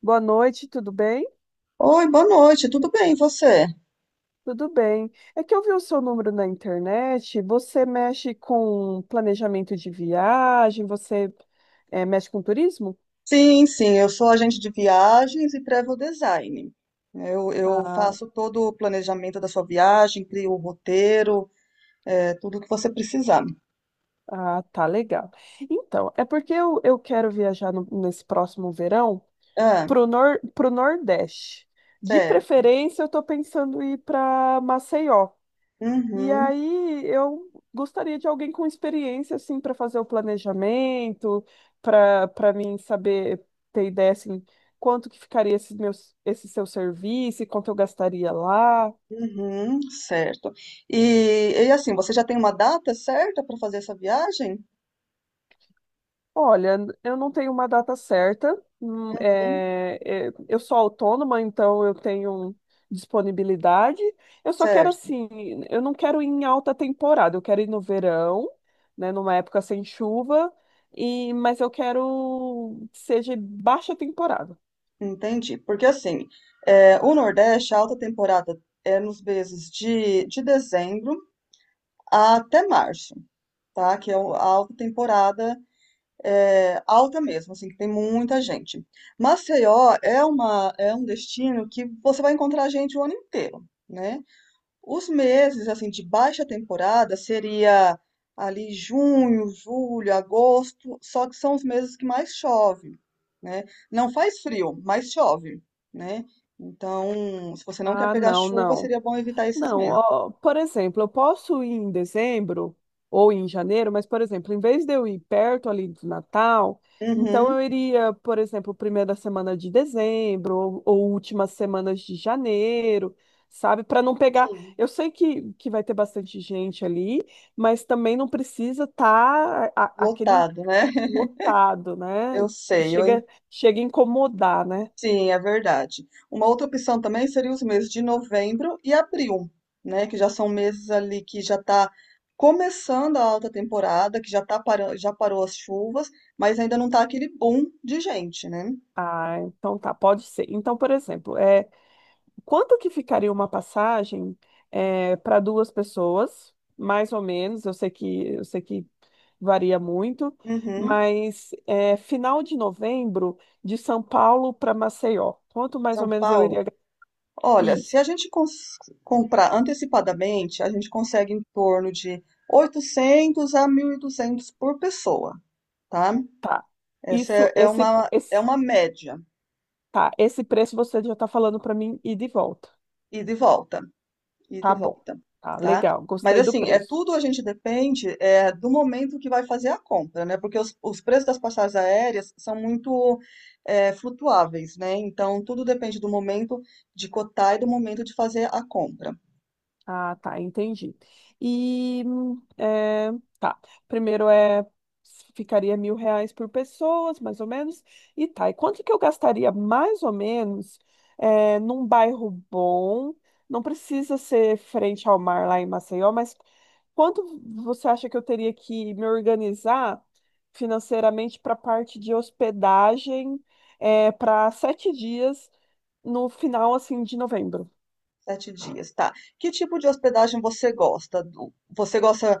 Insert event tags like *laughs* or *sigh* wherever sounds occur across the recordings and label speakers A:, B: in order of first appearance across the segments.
A: Boa noite, tudo bem?
B: Oi, boa noite, tudo bem, e você?
A: Tudo bem. É que eu vi o seu número na internet. Você mexe com planejamento de viagem? Você mexe com turismo?
B: Sim, sim, eu sou agente de viagens e travel design. Eu
A: Ah,
B: faço todo o planejamento da sua viagem, crio o roteiro, tudo o que você precisar.
A: ah, tá legal. Então, é porque eu quero viajar nesse próximo verão
B: Ah,
A: pro, nor, pro Nordeste. De
B: certo.
A: preferência, eu tô pensando em ir para Maceió. E
B: Uhum,
A: aí eu gostaria de alguém com experiência assim para fazer o planejamento, para mim saber ter ideia assim quanto que ficaria esse seu serviço, e quanto eu gastaria lá.
B: uhum, certo. E assim, você já tem uma data certa para fazer essa viagem?
A: Olha, eu não tenho uma data certa.
B: Uhum,
A: Eu sou autônoma, então eu tenho disponibilidade. Eu só quero
B: certo,
A: assim, eu não quero ir em alta temporada, eu quero ir no verão, né, numa época sem chuva, mas eu quero que seja baixa temporada.
B: entendi. Porque assim, o Nordeste, a alta temporada é nos meses de dezembro até março. Tá? Que é a alta temporada alta mesmo, assim, que tem muita gente. Maceió é uma é um destino que você vai encontrar gente o ano inteiro, né? Os meses assim de baixa temporada seria ali junho, julho, agosto, só que são os meses que mais chove, né? Não faz frio, mas chove, né? Então, se você não quer
A: Ah,
B: pegar
A: não,
B: chuva,
A: não.
B: seria bom evitar esses
A: Não,
B: meses.
A: ó, por exemplo, eu posso ir em dezembro ou em janeiro, mas, por exemplo, em vez de eu ir perto ali do Natal, então
B: Uhum,
A: eu iria, por exemplo, primeira semana de dezembro ou últimas semanas de janeiro, sabe? Para não pegar.
B: sim,
A: Eu sei que vai ter bastante gente ali, mas também não precisa estar aquele
B: lotado, né? *laughs*
A: lotado, né?
B: Eu
A: Que
B: sei. Eu
A: chega, chega a incomodar, né?
B: Sim, é verdade. Uma outra opção também seria os meses de novembro e abril, né? Que já são meses ali que já está começando a alta temporada, que já tá parando, já parou as chuvas, mas ainda não está aquele boom de gente, né?
A: Ah, então tá, pode ser. Então, por exemplo, é. Quanto que ficaria uma passagem para duas pessoas, mais ou menos? Eu sei que varia muito,
B: Uhum.
A: mas final de novembro de São Paulo para Maceió. Quanto mais ou
B: São
A: menos eu
B: Paulo.
A: iria?
B: Olha,
A: Isso,
B: se a gente comprar antecipadamente, a gente consegue em torno de 800 a 1.200 por pessoa, tá?
A: tá.
B: Essa
A: Isso,
B: é é uma, é
A: esse,
B: uma média,
A: tá. Esse preço você já está falando para mim ir de volta.
B: ida e volta. e e
A: Tá bom.
B: volta,
A: Tá
B: tá?
A: legal.
B: Mas
A: Gostei do
B: assim, é
A: preço.
B: tudo a gente depende do momento que vai fazer a compra, né? Porque os preços das passagens aéreas são muito flutuáveis, né? Então, tudo depende do momento de cotar e do momento de fazer a compra.
A: Ah, tá, entendi. E tá. Primeiro ficaria R$ 1.000 por pessoas, mais ou menos. E tá. E quanto que eu gastaria mais ou menos num bairro bom? Não precisa ser frente ao mar lá em Maceió, mas quanto você acha que eu teria que me organizar financeiramente para a parte de hospedagem, para 7 dias no final assim de novembro?
B: Sete dias, tá? Que tipo de hospedagem você gosta?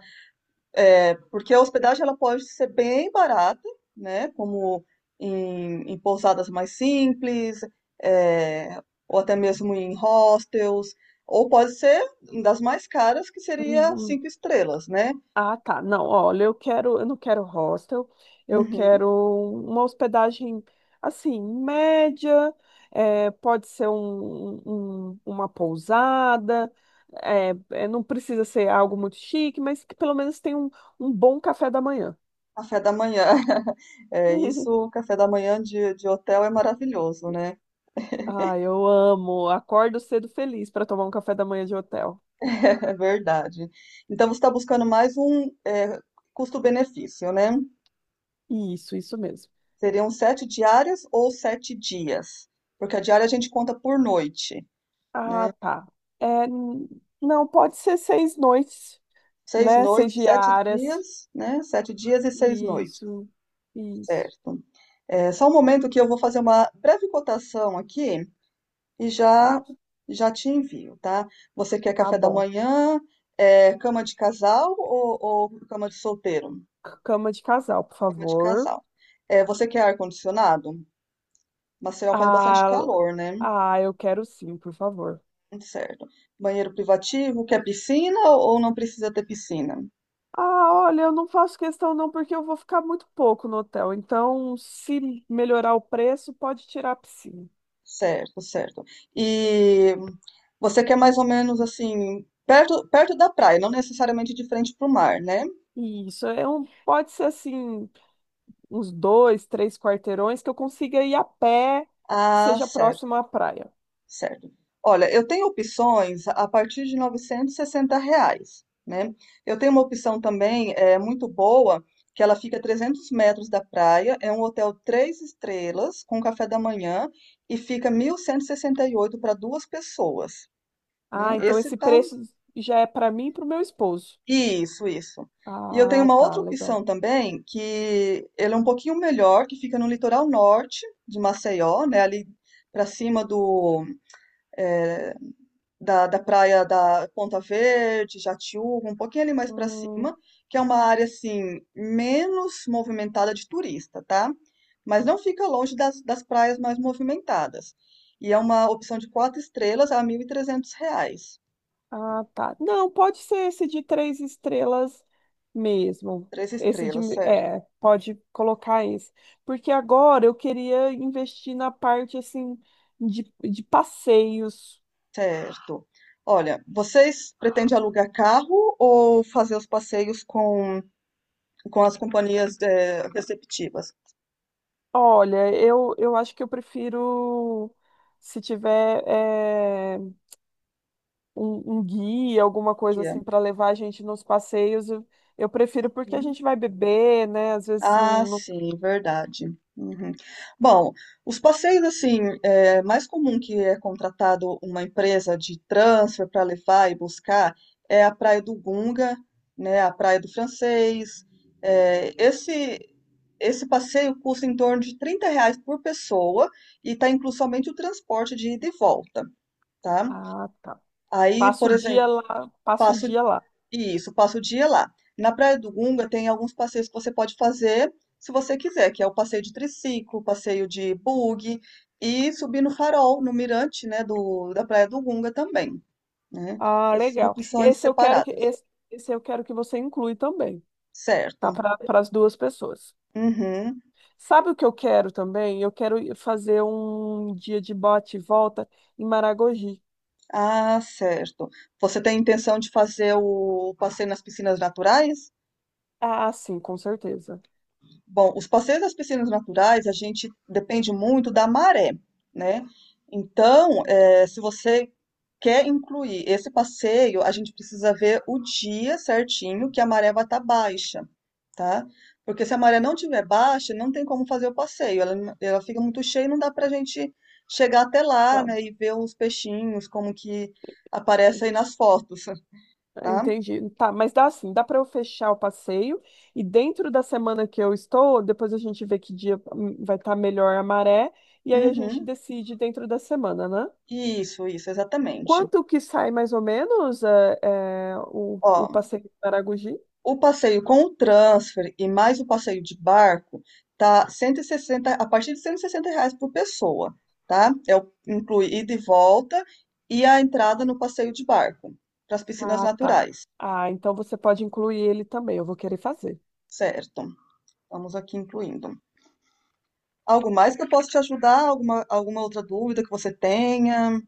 B: É, porque a hospedagem ela pode ser bem barata, né? Como em pousadas mais simples, é, ou até mesmo em hostels, ou pode ser das mais caras, que seria cinco estrelas, né?
A: Ah, tá. Não, olha, eu não quero hostel, eu
B: Uhum.
A: quero uma hospedagem assim, média, pode ser uma pousada, não precisa ser algo muito chique, mas que pelo menos tenha um bom café da manhã.
B: Café da manhã. *laughs* É
A: *laughs*
B: isso, café da manhã de hotel é maravilhoso, né?
A: Ah, eu amo. Acordo cedo feliz para tomar um café da manhã de hotel.
B: *laughs* É verdade. Então você está buscando mais um custo-benefício, né?
A: Isso mesmo.
B: Seriam sete diárias ou sete dias? Porque a diária a gente conta por noite,
A: Ah,
B: né?
A: tá. É, n- não, pode ser 6 noites,
B: Seis
A: né? Seis
B: noites, sete
A: diárias.
B: dias, né? Sete dias e seis noites,
A: Isso, isso.
B: certo? É só um momento que eu vou fazer uma breve cotação aqui e
A: Tá,
B: já te envio, tá? Você quer
A: tá
B: café da
A: bom.
B: manhã, cama de casal ou cama de solteiro?
A: Cama de casal, por
B: Cama de
A: favor.
B: casal. É, você quer ar-condicionado? Maceió faz bastante
A: Ah,
B: calor, né?
A: ah, eu quero sim, por favor.
B: Certo. Banheiro privativo, quer piscina ou não precisa ter piscina?
A: Ah, olha, eu não faço questão não, porque eu vou ficar muito pouco no hotel. Então, se melhorar o preço, pode tirar a piscina.
B: Certo, certo. E você quer mais ou menos assim, perto, perto da praia, não necessariamente de frente para o mar, né?
A: Isso, é um, pode ser assim, uns dois, três quarteirões que eu consiga ir a pé, que
B: Ah,
A: seja
B: certo.
A: próximo à praia.
B: Certo. Olha, eu tenho opções a partir de R$ 960, né. Eu tenho uma opção também, é muito boa, que ela fica a 300 metros da praia, é um hotel 3 estrelas, com café da manhã, e fica 1.168 para 2 pessoas, né.
A: Ah,
B: Ah,
A: então
B: Esse
A: esse
B: tá
A: preço já é para mim e para o meu esposo.
B: isso, isso. E eu tenho
A: Ah,
B: uma
A: tá,
B: outra
A: legal.
B: opção também, que ele é um pouquinho melhor, que fica no litoral norte de Maceió, né, ali para cima eh, da praia da Ponta Verde, Jatiúca, um pouquinho ali mais para
A: Hum.
B: cima, que é uma área assim menos movimentada de turista, tá? Mas não fica longe das praias mais movimentadas. E é uma opção de quatro estrelas a R$ 1.300.
A: Ah, tá. Não, pode ser esse de três estrelas mesmo.
B: Três
A: Esse de,
B: estrelas, certo?
A: pode colocar esse. Porque agora eu queria investir na parte assim de passeios.
B: Certo. Olha, vocês pretendem alugar carro ou fazer os passeios com as companhias receptivas?
A: Olha, eu acho que eu prefiro se tiver um guia, alguma coisa
B: Guia.
A: assim para levar a gente nos passeios, eu prefiro porque a
B: Uhum.
A: gente vai beber, né? Às vezes
B: Ah,
A: não.
B: sim, verdade. Uhum. Bom, os passeios assim, é mais comum que é contratado uma empresa de transfer para levar e buscar a Praia do Gunga, né, a Praia do Francês. É, esse esse passeio custa em torno de R$ 30 por pessoa e está incluso somente o transporte de ida e volta, tá?
A: Ah, tá.
B: Aí,
A: Passa
B: por
A: o dia
B: exemplo,
A: lá, passa o
B: passa
A: dia lá.
B: isso, passa o dia lá. Na Praia do Gunga tem alguns passeios que você pode fazer se você quiser, que é o passeio de triciclo, passeio de buggy e subir no farol, no mirante, né, da Praia do Gunga também, né?
A: Ah,
B: Essas são
A: legal.
B: opções
A: Esse eu quero que
B: separadas.
A: esse, esse eu quero que você inclui também, tá?
B: Certo.
A: Para as duas pessoas.
B: Uhum.
A: Sabe o que eu quero também? Eu quero ir fazer um dia de bate e volta em Maragogi.
B: Ah, certo. Você tem intenção de fazer o passeio nas piscinas naturais?
A: Ah, sim, com certeza.
B: Bom, os passeios das piscinas naturais, a gente depende muito da maré, né? Então, se você quer incluir esse passeio, a gente precisa ver o dia certinho que a maré vai estar baixa, tá? Porque se a maré não tiver baixa, não tem como fazer o passeio. Ela fica muito cheia, e não dá pra gente chegar até lá,
A: Tá,
B: né? E ver os peixinhos, como que aparece aí nas fotos, *laughs* tá?
A: entendi. Tá, mas dá para eu fechar o passeio e dentro da semana que eu estou, depois a gente vê que dia vai estar melhor a maré e aí a gente
B: Uhum.
A: decide dentro da semana, né?
B: Isso, exatamente.
A: Quanto que sai mais ou menos é, é, o,
B: Ó,
A: o passeio de Maragogi?
B: o passeio com o transfer e mais o passeio de barco tá 160, a partir de R$ 160 por pessoa, tá? Inclui ida e volta e a entrada no passeio de barco, para as piscinas
A: Ah, tá.
B: naturais,
A: Ah, então você pode incluir ele também, eu vou querer fazer.
B: certo? Estamos aqui incluindo. Algo mais que eu posso te ajudar? Alguma outra dúvida que você tenha?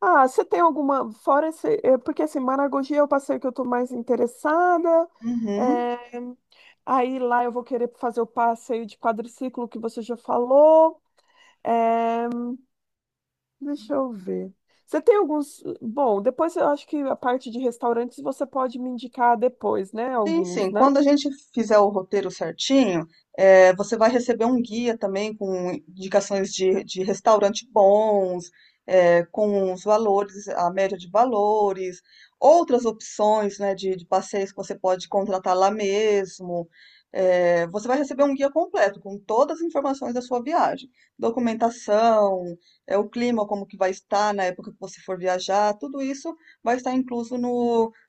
A: Ah, você tem alguma, fora esse, porque assim, Maragogi é o passeio que eu estou mais interessada,
B: Uhum.
A: é, aí lá eu vou querer fazer o passeio de quadriciclo que você já falou, é, deixa eu ver. Bom, depois eu acho que a parte de restaurantes você pode me indicar depois, né,
B: Sim,
A: alguns,
B: sim.
A: né?
B: Quando a gente fizer o roteiro certinho, você vai receber um guia também com indicações de restaurante bons, com os valores, a média de valores, outras opções, né, de passeios que você pode contratar lá mesmo. Você vai receber um guia completo com todas as informações da sua viagem, documentação, é o clima, como que vai estar na época que você for viajar, tudo isso vai estar incluso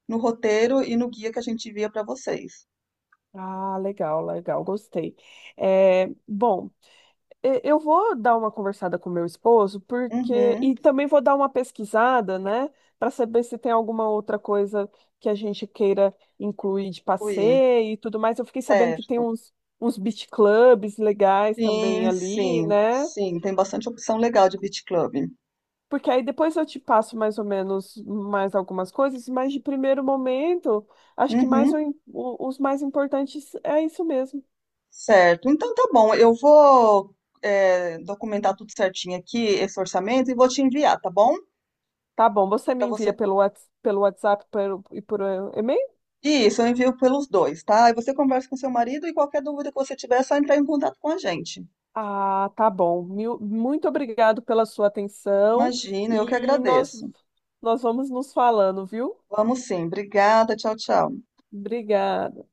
B: no roteiro e no guia que a gente envia para vocês.
A: Ah, legal, legal, gostei. É, bom. Eu vou dar uma conversada com meu esposo, porque.
B: Uhum,
A: E também vou dar uma pesquisada, né? Para saber se tem alguma outra coisa que a gente queira incluir de
B: fui,
A: passeio e tudo mais. Eu fiquei sabendo que tem
B: certo.
A: uns beach clubs legais também
B: Sim,
A: ali,
B: sim,
A: né?
B: sim, tem bastante opção legal de beach club.
A: Porque aí depois eu te passo mais ou menos mais algumas coisas, mas de primeiro momento, acho que mais
B: Uhum,
A: os mais importantes é isso mesmo.
B: certo. Então tá bom, eu vou documentar tudo certinho aqui, esse orçamento, e vou te enviar, tá bom?
A: Tá bom, você me
B: Para
A: envia
B: você.
A: pelo WhatsApp e por e-mail?
B: Isso, eu envio pelos dois, tá? Aí você conversa com seu marido e qualquer dúvida que você tiver, é só entrar em contato com a gente.
A: Ah, tá bom. Muito obrigado pela sua atenção
B: Imagina, eu que
A: e nós,
B: agradeço.
A: nós vamos nos falando, viu?
B: Vamos sim, obrigada, tchau, tchau.
A: Obrigada.